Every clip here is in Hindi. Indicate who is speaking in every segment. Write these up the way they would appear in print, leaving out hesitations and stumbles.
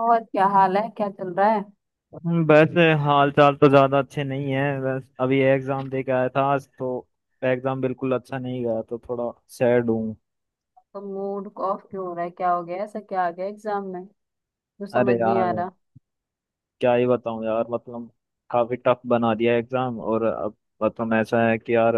Speaker 1: और क्या हाल है, क्या चल रहा है?
Speaker 2: वैसे हाल चाल तो ज्यादा अच्छे नहीं है। बस अभी एग्जाम दे के आया था आज तो। एग्जाम बिल्कुल अच्छा नहीं गया तो थोड़ा सैड हूँ।
Speaker 1: तो मूड ऑफ क्यों हो रहा है, क्या हो गया? ऐसा क्या आ गया एग्जाम में जो समझ
Speaker 2: अरे
Speaker 1: नहीं आ
Speaker 2: यार
Speaker 1: रहा?
Speaker 2: क्या ही बताऊँ यार मतलब काफी टफ बना दिया एग्जाम। और अब मतलब ऐसा है कि यार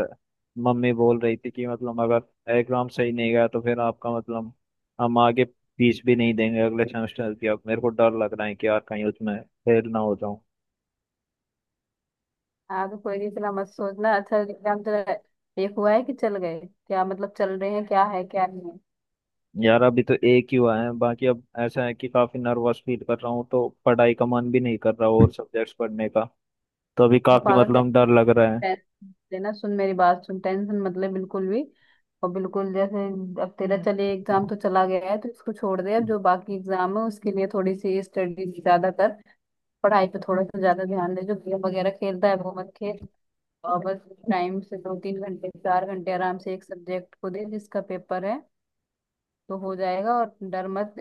Speaker 2: मम्मी बोल रही थी कि मतलब अगर एग्जाम सही नहीं गया तो फिर आपका मतलब हम आगे फीस भी नहीं देंगे अगले सेमेस्टर की। अब मेरे को डर लग रहा है कि यार कहीं उसमें फेल ना हो।
Speaker 1: आगे कोई नहीं, इतना मत सोचना। अच्छा, एग्जाम चल रहा है, एक हुआ है कि चल गए? क्या मतलब, चल रहे हैं क्या, है क्या नहीं है?
Speaker 2: यार अभी तो एक ही हुआ है बाकी। अब ऐसा है कि काफी नर्वस फील कर रहा हूँ तो पढ़ाई का मन भी नहीं कर रहा और सब्जेक्ट्स पढ़ने का। तो अभी काफी
Speaker 1: पागल
Speaker 2: मतलब डर लग रहा है।
Speaker 1: टेंशन लेना, सुन मेरी बात सुन, टेंशन मतलब बिल्कुल भी। और बिल्कुल जैसे अब तेरा चले, एग्जाम तो चला गया है तो इसको छोड़ दे। अब जो बाकी एग्जाम है उसके लिए थोड़ी सी स्टडी ज्यादा कर। पढ़ाई पे थोड़ा सा ज्यादा ध्यान दे, जो गेम वगैरह खेलता है वो मत खेल। और बस टाइम से 2 3 घंटे, 4 घंटे आराम से एक सब्जेक्ट को दे जिसका पेपर है। तो हो जाएगा, और डर मत।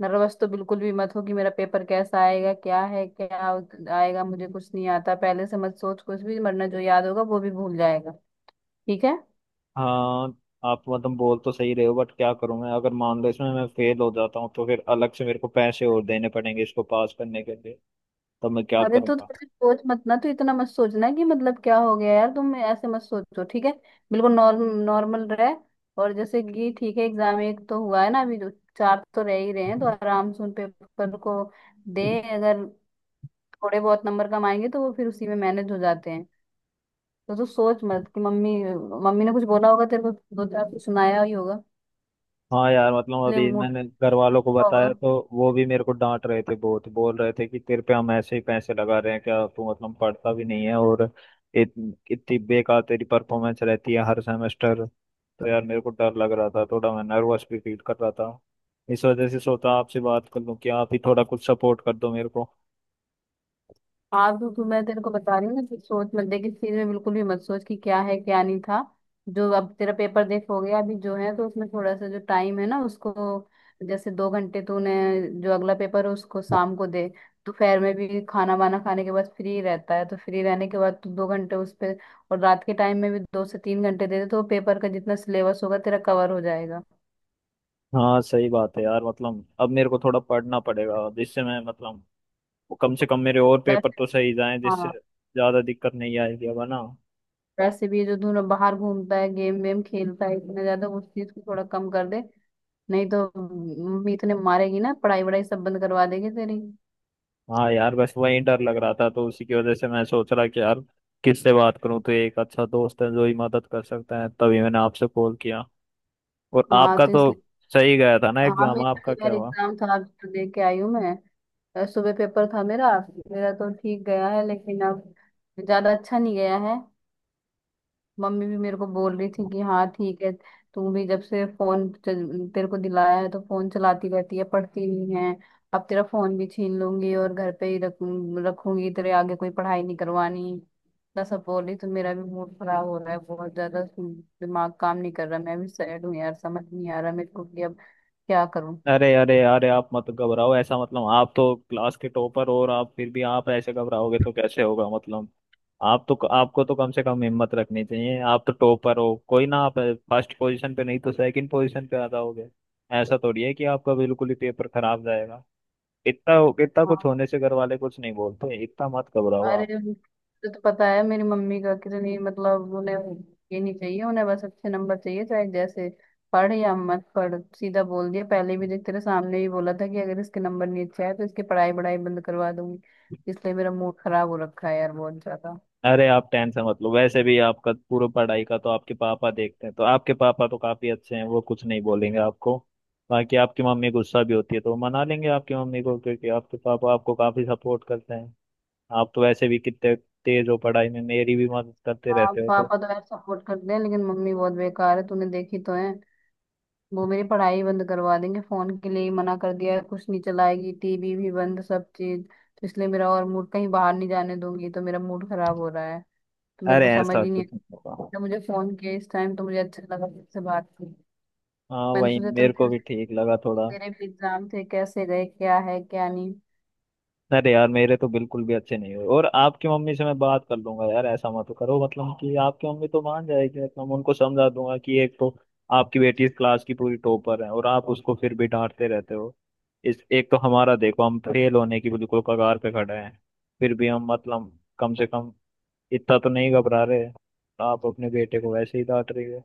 Speaker 1: नर्वस तो बिल्कुल भी मत हो कि मेरा पेपर कैसा आएगा, क्या है क्या आएगा, मुझे कुछ नहीं आता। पहले से मत सोच कुछ भी, वरना जो याद होगा वो भी भूल जाएगा। ठीक है?
Speaker 2: हाँ, आप मतलब बोल तो सही रहे हो बट क्या करूँ मैं। अगर मान लो इसमें मैं फेल हो जाता हूँ तो फिर अलग से मेरे को पैसे और देने पड़ेंगे इसको पास करने के लिए। तो मैं क्या
Speaker 1: अरे तो थोड़ी सोच मत ना, तो इतना मत सोचना कि मतलब क्या हो गया यार। तुम ऐसे मत सोचो, ठीक है? बिल्कुल नॉर्मल रहे। और जैसे कि ठीक है, एग्जाम एक तो हुआ है ना अभी जो, चार तो रह ही रहे हैं, तो
Speaker 2: करूँगा।
Speaker 1: आराम से उन पेपर को दे। अगर थोड़े बहुत नंबर कमाएंगे तो वो फिर उसी में मैनेज हो जाते हैं। तो तू सोच मत कि मम्मी मम्मी ने कुछ बोला होगा, तेरे को दो चार कुछ सुनाया ही होगा।
Speaker 2: हाँ यार मतलब
Speaker 1: इसलिए
Speaker 2: अभी
Speaker 1: मूड
Speaker 2: मैंने घर वालों को
Speaker 1: होगा।
Speaker 2: बताया तो वो भी मेरे को डांट रहे थे। बहुत बोल रहे थे कि तेरे पे हम ऐसे ही पैसे लगा रहे हैं क्या। तू मतलब पढ़ता भी नहीं है और इत, इतनी बेकार तेरी परफॉर्मेंस रहती है हर सेमेस्टर। तो यार मेरे को डर लग रहा था थोड़ा। मैं नर्वस भी फील कर रहा था। इस वजह से सोचा आपसे बात कर लूँ कि आप ही थोड़ा कुछ सपोर्ट कर दो मेरे को।
Speaker 1: हाँ, तो मैं तेरे को बता रही हूँ ना कि सोच मत। देख इस चीज में बिल्कुल भी मत सोच कि क्या है क्या नहीं था। जो अब तेरा पेपर देख हो गया अभी जो है, तो उसमें थोड़ा सा जो टाइम है ना उसको, जैसे 2 घंटे तूने, जो अगला पेपर है उसको शाम को दे। दोपहर में भी खाना वाना खाने के बाद फ्री रहता है, तो फ्री रहने के बाद तू 2 घंटे उस पे। और रात के टाइम में भी 2 से 3 घंटे दे दे, तो पेपर का जितना सिलेबस होगा तेरा कवर हो जाएगा।
Speaker 2: हाँ सही बात है यार। मतलब अब मेरे को थोड़ा पढ़ना पड़ेगा जिससे मैं मतलब कम से कम मेरे और पेपर
Speaker 1: वैसे,
Speaker 2: तो सही जाएं जिससे
Speaker 1: हाँ,
Speaker 2: ज्यादा दिक्कत नहीं आएगी अब है ना।
Speaker 1: वैसे भी जो तू ना बाहर घूमता है, गेम वेम खेलता है इतना ज्यादा, उस चीज को थोड़ा कम कर दे। नहीं तो मीत ने मारेगी ना, पढ़ाई वढ़ाई सब बंद करवा देगी तेरी।
Speaker 2: हाँ यार बस वही डर लग रहा था तो उसी की वजह से मैं सोच रहा कि यार किससे बात करूं। तो एक अच्छा दोस्त है जो ही मदद कर सकता है तभी मैंने आपसे कॉल किया। और
Speaker 1: हाँ,
Speaker 2: आपका
Speaker 1: तो
Speaker 2: तो
Speaker 1: इसलिए।
Speaker 2: सही गया था ना
Speaker 1: हाँ,
Speaker 2: एग्जाम,
Speaker 1: मेरा
Speaker 2: आपका
Speaker 1: भी
Speaker 2: क्या
Speaker 1: यार
Speaker 2: हुआ।
Speaker 1: एग्जाम था, अभी तो दे के आई हूँ मैं। सुबह पेपर था मेरा। मेरा तो ठीक गया है, लेकिन अब ज्यादा अच्छा नहीं गया है। मम्मी भी मेरे को बोल रही थी कि हाँ ठीक है। तू भी जब से फोन तेरे को दिलाया है, तो फोन चलाती रहती है, पढ़ती नहीं है। अब तेरा फोन भी छीन लूंगी और घर पे ही रख रखूंगी, तेरे आगे कोई पढ़ाई नहीं करवानी। इतना सब बोली, तो मेरा भी मूड खराब हो रहा है बहुत ज्यादा। दिमाग काम नहीं कर रहा, मैं भी सैड हूँ यार, समझ नहीं आ रहा मेरे को कि अब क्या करूँ।
Speaker 2: अरे अरे अरे आप मत घबराओ ऐसा। मतलब आप तो क्लास के टॉपर हो और आप फिर भी आप ऐसे घबराओगे तो कैसे होगा। मतलब आप तो, आपको तो कम से कम हिम्मत रखनी चाहिए। आप तो टॉपर हो, कोई ना आप फर्स्ट पोजीशन पे नहीं तो सेकंड पोजीशन पे आ जाओगे। ऐसा थोड़ी है कि आपका बिल्कुल ही पेपर खराब जाएगा। इतना इतना कुछ
Speaker 1: हाँ।
Speaker 2: होने से घर वाले कुछ नहीं बोलते। इतना मत घबराओ
Speaker 1: अरे
Speaker 2: आप।
Speaker 1: तुझे तो पता है मेरी मम्मी का, कितनी मतलब उन्हें ये नहीं चाहिए। उन्हें बस अच्छे नंबर चाहिए, चाहे जैसे पढ़ या मत पढ़। सीधा बोल दिया, पहले भी देख तेरे सामने ही बोला था कि अगर इसके नंबर नहीं अच्छे आए तो इसकी पढ़ाई बढ़ाई बंद करवा दूंगी। इसलिए मेरा मूड खराब हो रखा है यार, बहुत ज्यादा।
Speaker 2: अरे आप टेंशन मत लो। वैसे भी आपका पूरा पढ़ाई का तो आपके पापा देखते हैं। तो आपके पापा तो काफी अच्छे हैं, वो कुछ नहीं बोलेंगे आपको। बाकी आपकी मम्मी गुस्सा भी होती है तो वो मना लेंगे आपकी मम्मी को क्योंकि आपके पापा आपको काफी सपोर्ट करते हैं। आप तो वैसे भी कितने तेज हो पढ़ाई में, मेरी भी मदद करते
Speaker 1: हाँ,
Speaker 2: रहते हो तो।
Speaker 1: पापा तो यार सपोर्ट करते हैं, लेकिन मम्मी बहुत बेकार है, तूने देखी तो है। वो मेरी पढ़ाई बंद करवा देंगे, फोन के लिए ही मना कर दिया है, कुछ नहीं चलाएगी, टीवी भी बंद, सब चीज। तो इसलिए मेरा और मूड, कहीं बाहर नहीं जाने दूंगी, तो मेरा मूड खराब हो रहा है। तो मेरे
Speaker 2: अरे
Speaker 1: को समझ
Speaker 2: ऐसा
Speaker 1: ही नहीं
Speaker 2: कुछ नहीं होगा।
Speaker 1: आता। मुझे फोन किया इस टाइम तो मुझे अच्छा लगा तुझसे बात की।
Speaker 2: हाँ
Speaker 1: मैंने
Speaker 2: वही
Speaker 1: सोचा चल,
Speaker 2: मेरे को भी ठीक लगा थोड़ा।
Speaker 1: तेरे भी एग्जाम थे, कैसे गए, क्या है क्या नहीं?
Speaker 2: अरे यार मेरे तो बिल्कुल भी अच्छे नहीं हुए। और आपकी मम्मी से मैं बात कर लूंगा यार, ऐसा मत करो। मतलब कि आपकी मम्मी तो मान जाएगी। मतलब मैं उनको समझा दूंगा कि एक तो आपकी बेटी इस क्लास की पूरी टॉपर है और आप उसको फिर भी डांटते रहते हो। इस एक तो हमारा देखो, हम फेल होने की बिल्कुल कगार पे खड़े हैं फिर भी हम मतलब कम से कम इतना तो नहीं घबरा रहे। आप अपने बेटे को वैसे ही डांट रही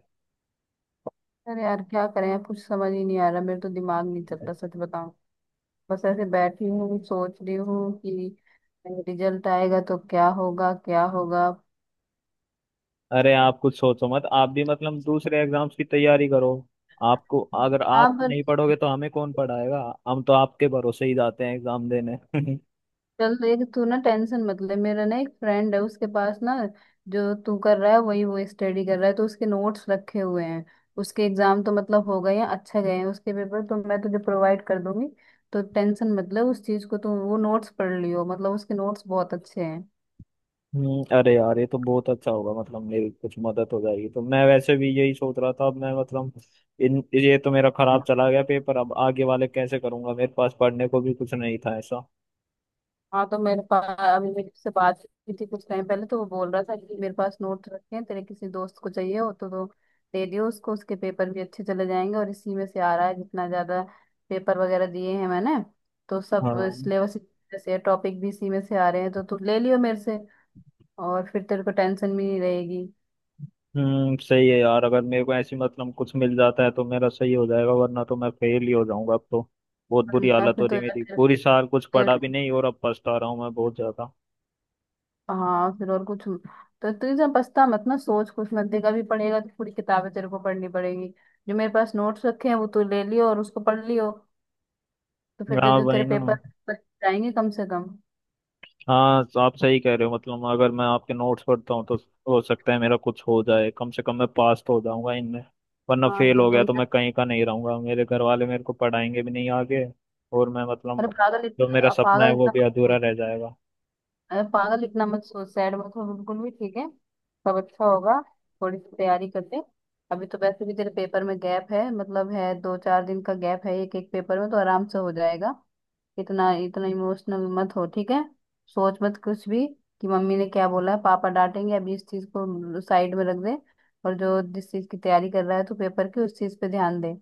Speaker 1: अरे यार क्या करें यार, कुछ समझ ही नहीं आ रहा, मेरे तो दिमाग नहीं
Speaker 2: हो।
Speaker 1: चलता, सच बताऊं। बस ऐसे बैठी हूँ सोच रही हूँ कि रिजल्ट आएगा तो क्या होगा, क्या होगा।
Speaker 2: अरे आप कुछ सोचो मत। आप भी मतलब दूसरे एग्जाम्स की तैयारी करो। आपको, अगर आप
Speaker 1: आप।
Speaker 2: नहीं पढ़ोगे तो हमें कौन पढ़ाएगा। हम तो आपके भरोसे ही जाते हैं एग्जाम देने।
Speaker 1: चल देख, तू ना टेंशन मत ले। मेरा ना एक फ्रेंड है, उसके पास ना जो तू कर रहा है वही वो स्टडी कर रहा है, तो उसके नोट्स रखे हुए हैं। उसके एग्जाम तो मतलब हो गए हैं, अच्छे गए हैं, उसके पेपर तो मैं तुझे प्रोवाइड कर दूंगी। तो टेंशन मत ले उस चीज को, तू वो नोट्स पढ़ लियो, मतलब उसके नोट्स बहुत अच्छे हैं।
Speaker 2: अरे यार ये तो बहुत अच्छा होगा। मतलब मेरी कुछ मदद हो जाएगी तो। मैं वैसे भी यही सोच रहा था अब मैं मतलब इन ये तो मेरा खराब चला गया पेपर, अब आगे वाले कैसे करूंगा। मेरे पास पढ़ने को भी कुछ नहीं था ऐसा।
Speaker 1: हाँ, तो मेरे पास अभी मेरे से बात हुई थी कुछ टाइम पहले, तो वो बोल रहा था कि मेरे पास नोट्स रखे हैं, तेरे किसी दोस्त को चाहिए हो तो दे दियो उसको। उसके पेपर भी अच्छे चले जाएंगे, और इसी में से आ रहा है जितना ज्यादा पेपर वगैरह दिए हैं मैंने, तो सब
Speaker 2: हाँ
Speaker 1: सिलेबस से टॉपिक भी इसी में से आ रहे हैं, तो तू ले लियो मेरे से। और फिर तेरे को टेंशन भी नहीं रहेगी।
Speaker 2: सही है यार। अगर मेरे को ऐसी मतलब कुछ मिल जाता है तो मेरा सही हो जाएगा, वरना तो मैं फेल ही हो जाऊंगा अब तो। बहुत बुरी
Speaker 1: वरना
Speaker 2: हालत हो
Speaker 1: फिर तो
Speaker 2: रही
Speaker 1: यार
Speaker 2: मेरी। पूरी साल कुछ पढ़ा
Speaker 1: तेरे-
Speaker 2: भी नहीं और अब पछता रहा हूँ मैं बहुत ज्यादा।
Speaker 1: हाँ, फिर और कुछ, तो तू जब पछता मत ना, सोच कुछ मत। देखा भी पड़ेगा तो पूरी किताबें तेरे को पढ़नी पड़ेगी। जो मेरे पास नोट्स रखे हैं, वो तू ले लियो और उसको पढ़ लियो। तो फिर तेरे
Speaker 2: हाँ
Speaker 1: जो
Speaker 2: भाई
Speaker 1: तेरे
Speaker 2: ना।
Speaker 1: पेपर बच जाएंगे कम से कम।
Speaker 2: हाँ तो आप सही कह रहे हो। मतलब अगर मैं आपके नोट्स पढ़ता हूँ तो हो सकता है मेरा कुछ हो जाए। कम से कम मैं पास तो हो जाऊंगा इनमें। वरना
Speaker 1: हाँ,
Speaker 2: फेल
Speaker 1: तो
Speaker 2: हो गया
Speaker 1: तुम।
Speaker 2: तो मैं कहीं का नहीं रहूंगा। मेरे घर वाले मेरे को पढ़ाएंगे भी नहीं आगे। और मैं
Speaker 1: अरे
Speaker 2: मतलब
Speaker 1: पागल इत-
Speaker 2: जो मेरा सपना है
Speaker 1: पागल
Speaker 2: वो
Speaker 1: इतना
Speaker 2: भी अधूरा
Speaker 1: मत
Speaker 2: रह जाएगा।
Speaker 1: अरे पागल इतना मत सोच, सैड मत हो बिल्कुल भी, ठीक है? सब अच्छा होगा। थोड़ी सी तैयारी करते। अभी तो वैसे भी तेरे पेपर में गैप है, मतलब है, दो चार दिन का गैप है, एक एक पेपर में तो आराम से हो जाएगा। इतना इतना इमोशनल मत हो, ठीक है? सोच मत कुछ भी कि मम्मी ने क्या बोला है, पापा डांटेंगे। अभी इस चीज को साइड में रख दे। और जो जिस चीज की तैयारी कर रहा है, तो पेपर की उस चीज पे ध्यान दे।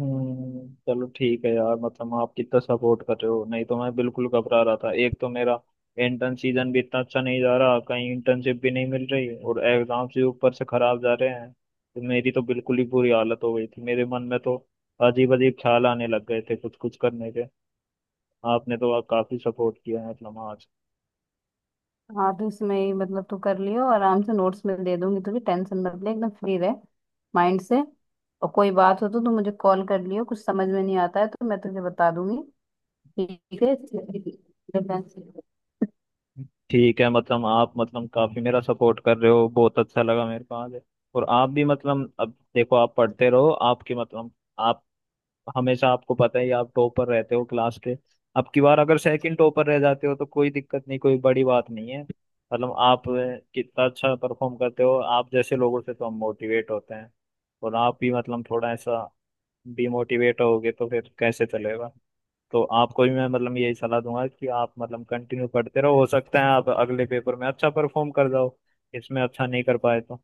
Speaker 2: चलो ठीक है यार। मतलब आप कितना सपोर्ट कर रहे हो, नहीं तो मैं बिल्कुल घबरा रहा था। एक तो मेरा इंटर्न सीजन भी इतना अच्छा नहीं जा रहा, कहीं इंटर्नशिप भी नहीं मिल रही और एग्जाम से ऊपर से खराब जा रहे हैं तो मेरी तो बिल्कुल ही बुरी हालत हो गई थी। मेरे मन में तो अजीब अजीब ख्याल आने लग गए थे कुछ कुछ करने के। आपने तो काफी सपोर्ट किया है मतलब आज।
Speaker 1: हाँ, तो इसमें ही मतलब तू कर लियो आराम से। नोट्स में दे दूंगी तुझे, टेंशन मत ले, एकदम फ्री रह माइंड से। और कोई बात हो तो तू मुझे कॉल कर लियो, कुछ समझ में नहीं आता है तो मैं तुझे बता दूंगी, ठीक है?
Speaker 2: ठीक है, मतलब आप मतलब काफी मेरा सपोर्ट कर रहे हो। बहुत अच्छा लगा मेरे को आज। और आप भी मतलब अब देखो आप पढ़ते रहो। आपकी मतलब आप हमेशा, आपको पता ही है, आप टॉपर रहते हो क्लास के। अब की बार अगर सेकंड टॉपर रह जाते हो तो कोई दिक्कत नहीं, कोई बड़ी बात नहीं है। मतलब आप कितना अच्छा परफॉर्म करते हो। आप जैसे लोगों से तो हम मोटिवेट होते हैं। और आप भी मतलब थोड़ा ऐसा डिमोटिवेट होगे तो फिर कैसे चलेगा। तो आपको भी मैं मतलब यही सलाह दूंगा कि आप मतलब कंटिन्यू पढ़ते रहो। हो सकता है आप अगले पेपर में अच्छा परफॉर्म कर जाओ। इसमें अच्छा नहीं कर पाए तो।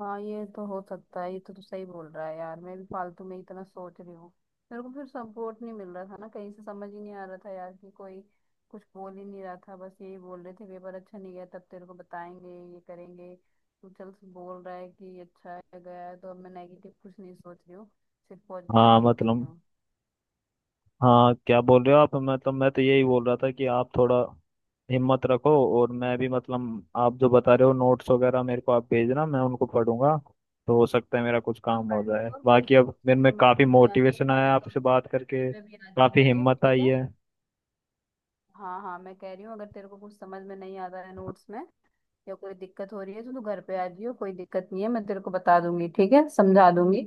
Speaker 1: हाँ, ये तो हो सकता है, ये तो तू सही बोल रहा है यार, मैं भी फालतू में इतना सोच रही हूँ। मेरे को फिर सपोर्ट नहीं मिल रहा था ना कहीं से, समझ ही नहीं आ रहा था यार कि कोई कुछ बोल ही नहीं रहा था। बस यही बोल रहे थे, पेपर अच्छा नहीं गया, तब तेरे को बताएंगे, ये करेंगे। तू चल बोल रहा है कि अच्छा है, गया है, तो अब मैं नेगेटिव कुछ नहीं सोच रही हूँ, सिर्फ पॉजिटिव
Speaker 2: हाँ
Speaker 1: सोच रही
Speaker 2: मतलब,
Speaker 1: हूँ।
Speaker 2: हाँ क्या बोल रहे हो आप। मतलब मैं तो यही बोल रहा था कि आप थोड़ा हिम्मत रखो। और मैं भी मतलब आप जो बता रहे हो नोट्स वगैरह मेरे को आप भेजना, मैं उनको पढ़ूंगा। तो हो सकता है मेरा कुछ
Speaker 1: हाँ,
Speaker 2: काम हो
Speaker 1: कर लेते।
Speaker 2: जाए।
Speaker 1: और कोई
Speaker 2: बाकी
Speaker 1: कुछ
Speaker 2: अब मेरे में
Speaker 1: समझ
Speaker 2: काफ़ी
Speaker 1: में नहीं आती है
Speaker 2: मोटिवेशन
Speaker 1: तो मैं
Speaker 2: आया,
Speaker 1: तो,
Speaker 2: आपसे बात करके
Speaker 1: मैं भी राजी हूँ
Speaker 2: काफ़ी
Speaker 1: मेरे,
Speaker 2: हिम्मत
Speaker 1: ठीक
Speaker 2: आई
Speaker 1: है।
Speaker 2: है।
Speaker 1: हाँ हाँ, मैं कह रही हूँ अगर तेरे को कुछ समझ में नहीं आता है नोट्स में, या कोई दिक्कत हो रही है, तो तू घर पे आ जियो, कोई दिक्कत नहीं है, मैं तेरे को बता दूंगी, ठीक है, समझा दूंगी।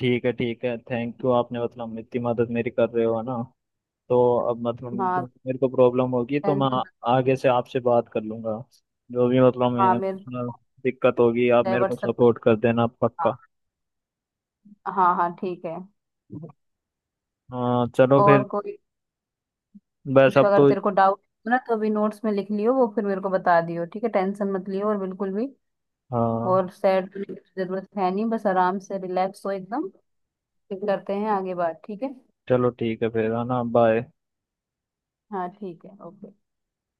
Speaker 2: ठीक है ठीक है, थैंक यू। आपने मतलब इतनी मदद मेरी कर रहे हो ना। तो अब मतलब
Speaker 1: हाँ।
Speaker 2: जो मेरे को प्रॉब्लम होगी तो
Speaker 1: टेंशन।
Speaker 2: आगे से आपसे बात कर लूंगा। जो भी मतलब
Speaker 1: हाँ, मेरे
Speaker 2: emotional
Speaker 1: को।
Speaker 2: दिक्कत होगी आप
Speaker 1: चाहे
Speaker 2: मेरे को
Speaker 1: WhatsApp।
Speaker 2: सपोर्ट कर देना,
Speaker 1: हाँ।
Speaker 2: पक्का।
Speaker 1: हाँ हाँ, ठीक है।
Speaker 2: हाँ चलो फिर।
Speaker 1: और कोई
Speaker 2: बस
Speaker 1: कुछ
Speaker 2: अब
Speaker 1: अगर
Speaker 2: तो।
Speaker 1: तेरे को डाउट हो ना, तो अभी नोट्स में लिख लियो, वो फिर मेरे को बता दियो, ठीक है? टेंशन मत लियो और बिल्कुल भी।
Speaker 2: हाँ
Speaker 1: और सैड होने की जरूरत है नहीं, बस आराम से रिलैक्स हो एकदम। फिर करते हैं आगे बात, ठीक है?
Speaker 2: चलो ठीक है फिर, है ना, बाय।
Speaker 1: हाँ, ठीक है, ओके।